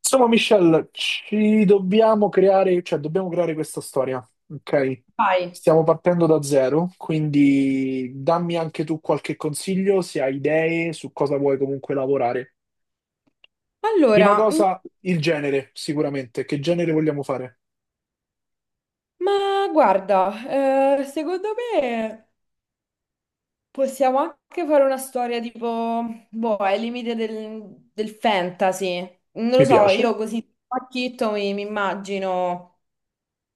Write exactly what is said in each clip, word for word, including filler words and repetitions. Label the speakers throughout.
Speaker 1: Insomma, Michelle, ci dobbiamo creare, cioè dobbiamo creare questa storia, ok?
Speaker 2: Vai.
Speaker 1: Stiamo partendo da zero, quindi dammi anche tu qualche consiglio, se hai idee su cosa vuoi comunque lavorare. Prima
Speaker 2: Allora, mm,
Speaker 1: cosa, il genere, sicuramente. Che genere vogliamo fare?
Speaker 2: ma guarda, eh, secondo me possiamo anche fare una storia tipo, boh, ai limiti del, del fantasy. Non lo
Speaker 1: Mi
Speaker 2: so,
Speaker 1: piace.
Speaker 2: io così pacchitto mi, mi immagino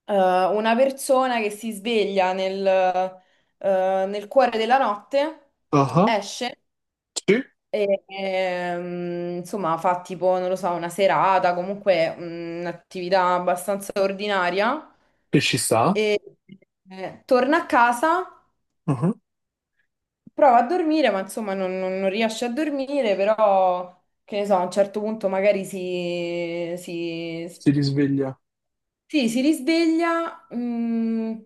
Speaker 2: eh, una persona che si sveglia nel, eh, nel cuore della notte,
Speaker 1: Ah,
Speaker 2: esce
Speaker 1: sì.
Speaker 2: e ehm, insomma fa tipo, non lo so, una serata, comunque mm, un'attività abbastanza ordinaria.
Speaker 1: Che ci sta.
Speaker 2: E eh, torna a casa,
Speaker 1: Ah,
Speaker 2: prova a dormire, ma insomma non, non- non riesce a dormire, però che ne so, a un certo punto magari si, si,
Speaker 1: si risveglia.
Speaker 2: sì, si risveglia, mm,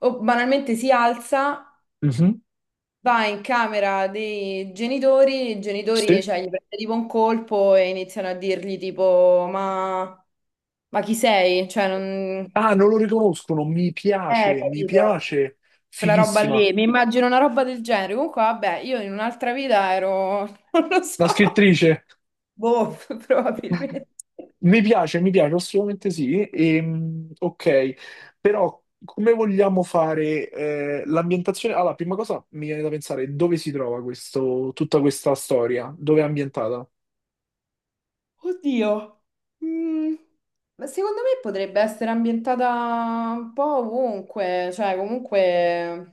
Speaker 2: o banalmente si alza,
Speaker 1: Mhm,
Speaker 2: va in camera dei genitori, i genitori,
Speaker 1: sì.
Speaker 2: cioè, gli prende tipo un colpo e iniziano a dirgli tipo, ma, ma chi sei? Cioè, non...
Speaker 1: Ah, non lo riconoscono. Mi
Speaker 2: Eh,
Speaker 1: piace, mi
Speaker 2: capito?
Speaker 1: piace.
Speaker 2: Quella roba
Speaker 1: Fighissima.
Speaker 2: lì, mi immagino una roba del genere. Comunque, vabbè, io in un'altra vita ero, non lo
Speaker 1: La
Speaker 2: so,
Speaker 1: scrittrice.
Speaker 2: boh, probabilmente.
Speaker 1: Mi piace, mi piace, assolutamente sì. Ehm, ok, però come vogliamo fare eh, l'ambientazione? Allora, prima cosa mi viene da pensare dove si trova questo- tutta questa storia, dove è ambientata?
Speaker 2: Oddio. Mm, ma secondo me potrebbe essere ambientata un po' ovunque, cioè comunque...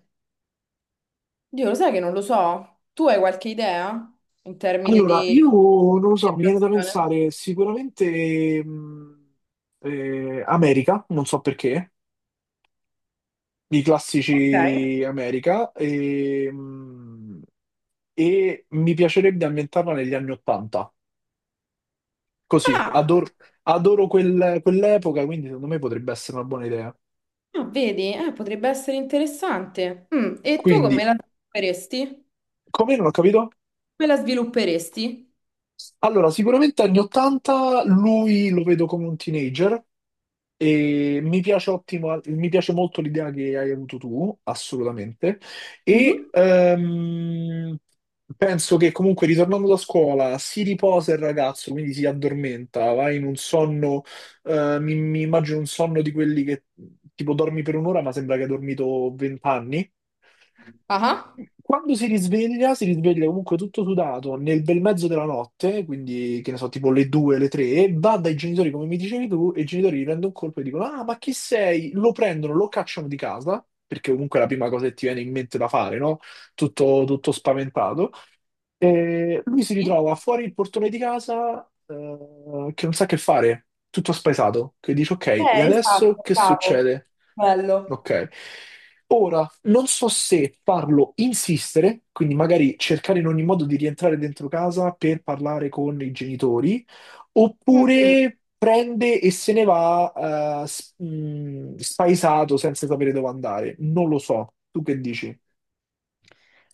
Speaker 2: Dio, lo sai che non lo so. Tu hai qualche idea in termini
Speaker 1: Allora,
Speaker 2: di
Speaker 1: io non lo so, mi viene da
Speaker 2: ambientazione?
Speaker 1: pensare sicuramente mh, eh, America, non so perché, i
Speaker 2: Ok.
Speaker 1: classici America, e, mh, e mi piacerebbe ambientarla negli anni Ottanta. Così,
Speaker 2: Ah,
Speaker 1: adoro, adoro quel- quell'epoca, quindi secondo me potrebbe essere una buona idea.
Speaker 2: ah, vedi? Eh, potrebbe essere interessante. Mm, E tu come
Speaker 1: Quindi,
Speaker 2: la faresti?
Speaker 1: come non ho capito?
Speaker 2: Come la svilupperesti?
Speaker 1: Allora, sicuramente anni ottanta lui lo vedo come un teenager. E mi piace, ottimo- mi piace molto l'idea che hai avuto tu, assolutamente.
Speaker 2: Mhm.
Speaker 1: E ehm, penso che comunque ritornando da scuola si riposa il ragazzo, quindi si addormenta, va in un sonno, eh, mi, mi immagino un sonno di quelli che tipo dormi per un'ora ma sembra che hai dormito vent'anni.
Speaker 2: Ah,
Speaker 1: Quando si risveglia, si risveglia comunque tutto sudato nel bel mezzo della notte, quindi che ne so, tipo le due, le tre, va dai genitori come mi dicevi tu, e i genitori gli prendono un colpo e dicono: Ah, ma chi sei? Lo prendono, lo cacciano di casa, perché comunque è la prima cosa che ti viene in mente da fare, no? Tutto, tutto spaventato. E lui si
Speaker 2: sì.
Speaker 1: ritrova fuori il portone di casa, eh, che non sa che fare, tutto spaesato, che dice: Ok, e
Speaker 2: Eh,
Speaker 1: adesso
Speaker 2: esatto,
Speaker 1: che
Speaker 2: bravo.
Speaker 1: succede?
Speaker 2: Bello.
Speaker 1: Ok. Ora, non so se farlo insistere, quindi magari cercare in ogni modo di rientrare dentro casa per parlare con i genitori,
Speaker 2: Mm.
Speaker 1: oppure prende e se ne va, eh, s- mh, spaesato senza sapere dove andare. Non lo so. Tu che dici?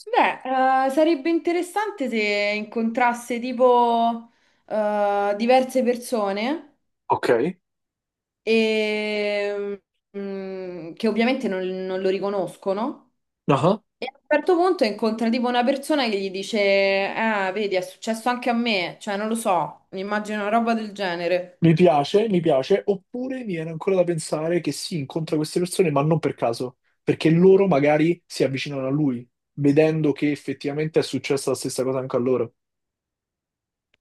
Speaker 2: Beh, eh, sarebbe interessante se incontrasse tipo eh, diverse persone
Speaker 1: Ok.
Speaker 2: e, mm, che ovviamente non, non lo riconoscono.
Speaker 1: Ah.
Speaker 2: E a un certo punto incontra tipo una persona che gli dice: Ah, vedi, è successo anche a me. Cioè, non lo so, mi immagino una roba del genere.
Speaker 1: Mi piace, mi piace, oppure mi viene ancora da pensare che si incontra queste persone, ma non per caso, perché loro magari si avvicinano a lui, vedendo che effettivamente è successa la stessa cosa anche a loro.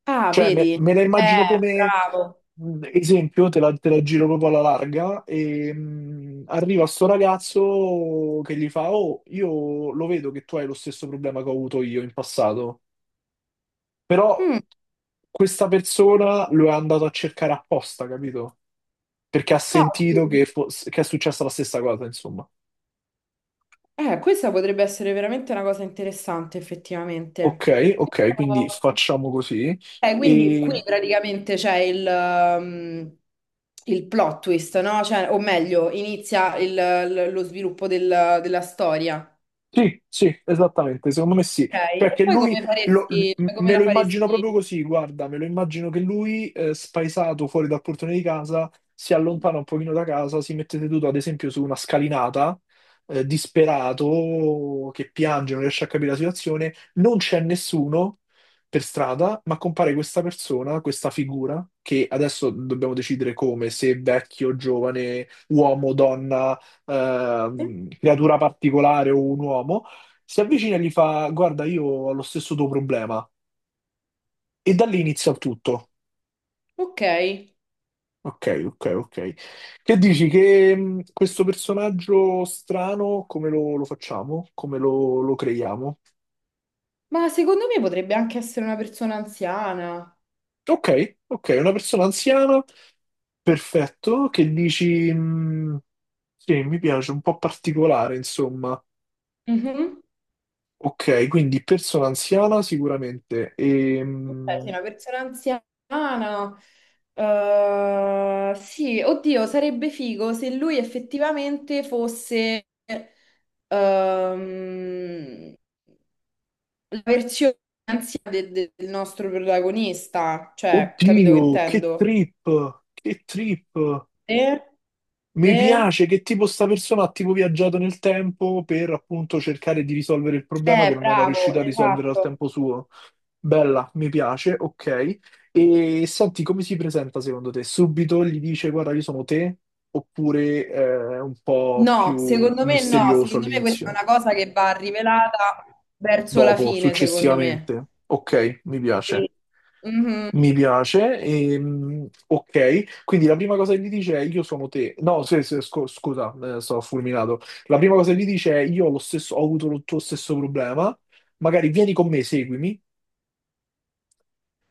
Speaker 2: Ah,
Speaker 1: Cioè, me,
Speaker 2: vedi?
Speaker 1: me la
Speaker 2: Eh,
Speaker 1: immagino come
Speaker 2: bravo.
Speaker 1: mh, esempio, te la, te la giro proprio alla larga, e mh, arriva sto ragazzo che gli fa: Oh, io lo vedo che tu hai lo stesso problema che ho avuto io in passato, però questa persona lo è andato a cercare apposta, capito? Perché ha
Speaker 2: Ah,
Speaker 1: sentito
Speaker 2: sì.
Speaker 1: che, fo- che è successa la stessa cosa, insomma.
Speaker 2: eh, questa potrebbe essere veramente una cosa interessante,
Speaker 1: Ok,
Speaker 2: effettivamente.
Speaker 1: ok, quindi
Speaker 2: Però-
Speaker 1: facciamo così.
Speaker 2: eh, quindi qui
Speaker 1: E
Speaker 2: praticamente c'è il, um, il plot twist, no? Cioè, o meglio, inizia il- l- lo sviluppo del- della storia. Ok,
Speaker 1: Sì, sì, esattamente, secondo me sì. Cioè
Speaker 2: E
Speaker 1: che
Speaker 2: poi
Speaker 1: lui,
Speaker 2: come
Speaker 1: lo-
Speaker 2: faresti,
Speaker 1: m-
Speaker 2: cioè, come
Speaker 1: me
Speaker 2: la
Speaker 1: lo immagino proprio
Speaker 2: faresti?
Speaker 1: così, guarda, me lo immagino che lui, eh, spaesato fuori dal portone di casa, si allontana un pochino da casa, si mette seduto ad esempio su una scalinata, eh, disperato, che piange, non riesce a capire la situazione, non c'è nessuno per strada, ma compare questa persona, questa figura, che adesso dobbiamo decidere come, se vecchio, giovane, uomo, donna, ehm, creatura particolare o un uomo, si avvicina e gli fa: Guarda, io ho lo stesso tuo problema. E da lì inizia il tutto.
Speaker 2: Ok,
Speaker 1: Ok, ok, ok. Che dici? Che, mh, questo personaggio strano, come lo, lo facciamo? Come lo, lo creiamo?
Speaker 2: ma secondo me potrebbe anche essere una persona anziana.
Speaker 1: Ok, ok, una persona anziana, perfetto. Che dici? Mh, sì, mi piace, un po' particolare, insomma.
Speaker 2: Mhm.
Speaker 1: Ok, quindi persona anziana sicuramente.
Speaker 2: Cioè, sei
Speaker 1: Ehm,
Speaker 2: una persona anziana. eh, sì, oddio, sarebbe figo se lui effettivamente fosse ehm, la versione anziana de- de- del nostro protagonista. Cioè, capito che
Speaker 1: Oddio, che
Speaker 2: intendo?
Speaker 1: trip, che trip.
Speaker 2: Eh?
Speaker 1: Mi
Speaker 2: Beh,
Speaker 1: piace che tipo sta persona ha tipo viaggiato nel tempo per appunto cercare di risolvere il problema che
Speaker 2: eh,
Speaker 1: non era
Speaker 2: bravo,
Speaker 1: riuscito a risolvere al
Speaker 2: esatto.
Speaker 1: tempo suo. Bella, mi piace, ok. E senti, come si presenta secondo te? Subito gli dice: Guarda, io sono te? Oppure eh, è un po'
Speaker 2: No,
Speaker 1: più
Speaker 2: secondo me no,
Speaker 1: misterioso
Speaker 2: secondo me questa è
Speaker 1: all'inizio?
Speaker 2: una cosa che va rivelata verso la
Speaker 1: Dopo,
Speaker 2: fine, secondo me.
Speaker 1: successivamente? Ok, mi
Speaker 2: Sì.
Speaker 1: piace.
Speaker 2: Mhm,
Speaker 1: Mi piace, ehm, ok. Quindi la prima cosa che gli dice è: Io sono te. No, se- se- scu- scusa, eh, sto fulminato. La prima cosa che gli dice è: Io ho lo stesso, ho avuto lo tuo stesso problema, magari vieni con me, seguimi.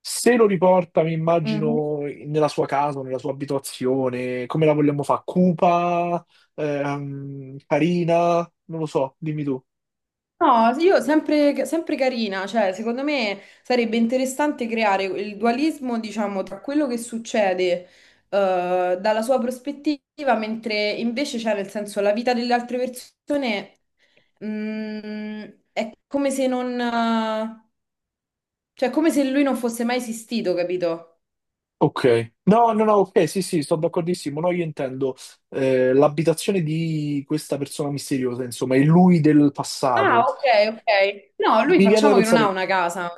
Speaker 1: Se lo riporta, mi
Speaker 2: mhm.
Speaker 1: immagino, nella sua casa, nella sua abitazione, come la vogliamo fare? Cupa, ehm, carina, non lo so, dimmi tu.
Speaker 2: No, sì, io sempre, sempre carina, cioè secondo me sarebbe interessante creare il dualismo, diciamo, tra quello che succede eh, dalla sua prospettiva, mentre invece c'è nel senso la vita delle altre persone mm, è come se non, eh, cioè è come se lui non fosse mai esistito, capito?
Speaker 1: Ok, no, no, no, ok, sì, sì, sto d'accordissimo. No, io intendo eh, l'abitazione di questa persona misteriosa, insomma, è lui del
Speaker 2: Ah,
Speaker 1: passato.
Speaker 2: ok, ok. No, lui
Speaker 1: Mi viene da
Speaker 2: facciamo che non ha
Speaker 1: pensare,
Speaker 2: una casa.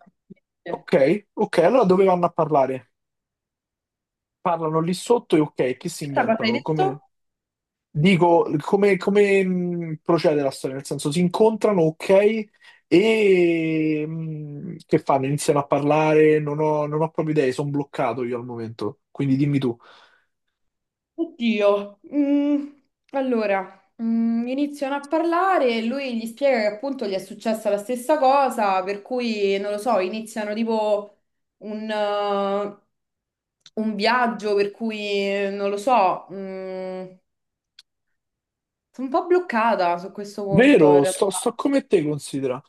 Speaker 2: Aspetta,
Speaker 1: ok, ok, allora dove vanno a parlare? Parlano lì sotto e ok, che si
Speaker 2: cosa hai
Speaker 1: inventano?
Speaker 2: detto?
Speaker 1: Come, dico, come, come, mh, procede la storia? Nel senso, si incontrano, ok, e mh, che fanno? Iniziano a parlare, non ho, non ho proprio idee, sono bloccato io al momento, quindi dimmi tu.
Speaker 2: Oddio, mm, allora mm, iniziano a parlare e lui gli spiega che appunto gli è successa la stessa cosa, per cui non lo so, iniziano tipo un, eh, un viaggio per cui eh, non lo so, mm, sono un po' bloccata su questo punto in
Speaker 1: Vero, sto,
Speaker 2: realtà.
Speaker 1: sto come te, considera.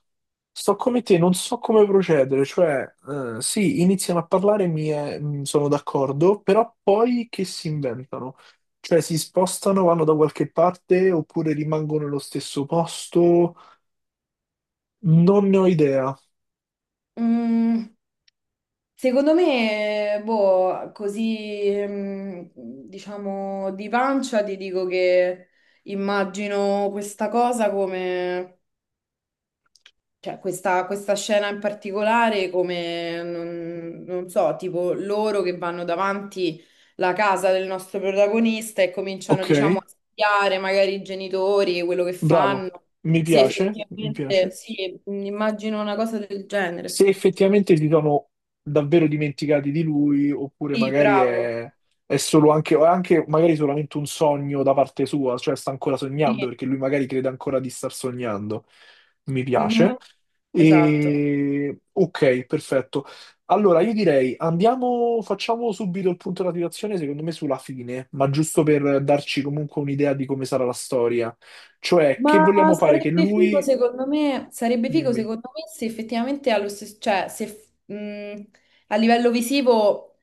Speaker 1: Sto come te, non so come procedere, cioè, eh, sì, iniziano a parlare, mi è- mh, sono d'accordo, però poi che si inventano? Cioè, si spostano, vanno da qualche parte oppure rimangono nello stesso posto? Non ne ho idea.
Speaker 2: Mm, Secondo me, boh, così, ehm, diciamo, di pancia ti dico che immagino questa cosa come, cioè questa, questa scena in particolare come, non, non so, tipo loro che vanno davanti la casa del nostro protagonista e cominciano,
Speaker 1: Ok,
Speaker 2: diciamo, a spiare magari i genitori, quello che
Speaker 1: bravo,
Speaker 2: fanno,
Speaker 1: mi
Speaker 2: se
Speaker 1: piace, mi
Speaker 2: effettivamente,
Speaker 1: piace.
Speaker 2: sì, immagino una cosa del genere.
Speaker 1: Se effettivamente si sono davvero dimenticati di lui, oppure
Speaker 2: Sì,
Speaker 1: magari
Speaker 2: bravo.
Speaker 1: è, è solo anche, o è anche magari solamente un sogno da parte sua, cioè sta ancora sognando
Speaker 2: Sì.
Speaker 1: perché lui magari crede ancora di star sognando. Mi piace.
Speaker 2: Esatto.
Speaker 1: E... Ok, perfetto. Allora, io direi andiamo, facciamo subito il punto della situazione, secondo me sulla fine, ma giusto per darci comunque un'idea di come sarà la storia. Cioè,
Speaker 2: Ma
Speaker 1: che vogliamo fare? Che
Speaker 2: sarebbe figo
Speaker 1: lui...
Speaker 2: secondo me, sarebbe figo
Speaker 1: Dimmi.
Speaker 2: secondo me se effettivamente allo stesso, cioè se mh, a livello visivo,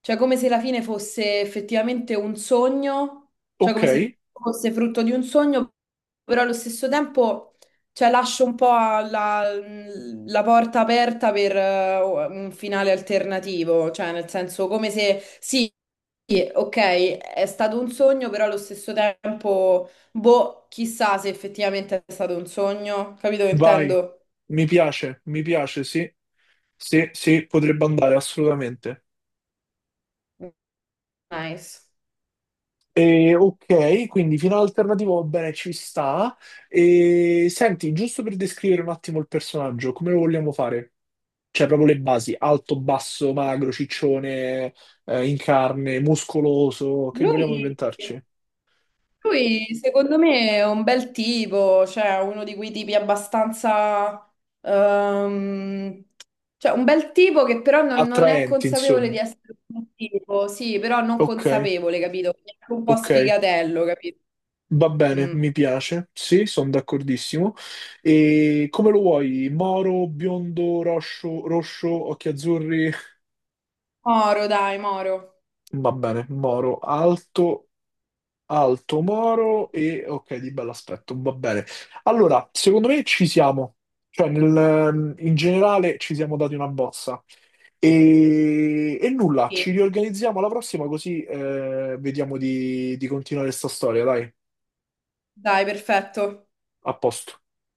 Speaker 2: cioè come se la fine fosse effettivamente un sogno, cioè
Speaker 1: Ok.
Speaker 2: come se fosse frutto di un sogno, però allo stesso tempo cioè, lascio un po' la, la porta aperta per eh, un finale alternativo, cioè nel senso come se sì, ok, è stato un sogno, però allo stesso tempo. Boh, chissà se effettivamente è stato un sogno, capito che
Speaker 1: Vai,
Speaker 2: intendo?
Speaker 1: mi piace, mi piace, sì, sì, sì, potrebbe andare assolutamente.
Speaker 2: Nice.
Speaker 1: E, ok, quindi finale alternativo, va bene, ci sta. E, senti, giusto per descrivere un attimo il personaggio, come lo vogliamo fare? Cioè, proprio le basi, alto, basso, magro, ciccione, eh, in carne, muscoloso, che vogliamo
Speaker 2: Lui,
Speaker 1: inventarci?
Speaker 2: lui, secondo me è un bel tipo, cioè uno di quei tipi abbastanza... ehm, cioè un bel tipo che però non, non è
Speaker 1: Attraenti,
Speaker 2: consapevole
Speaker 1: insomma.
Speaker 2: di essere un tipo, sì, però non
Speaker 1: Ok,
Speaker 2: consapevole, capito? È anche un po'
Speaker 1: ok.
Speaker 2: sfigatello, capito?
Speaker 1: Va bene,
Speaker 2: Mm.
Speaker 1: mi piace, sì, sono d'accordissimo. E come lo vuoi? Moro, biondo, roscio, rosso, occhi azzurri?
Speaker 2: Moro, dai, Moro.
Speaker 1: Va bene, Moro, alto, alto, Moro e ok, di bell'aspetto, va bene. Allora, secondo me ci siamo, cioè nel- in generale ci siamo dati una bozza. E, e nulla, ci
Speaker 2: Sì,
Speaker 1: riorganizziamo alla prossima così eh, vediamo di, di continuare questa storia, dai,
Speaker 2: dai, perfetto.
Speaker 1: a posto.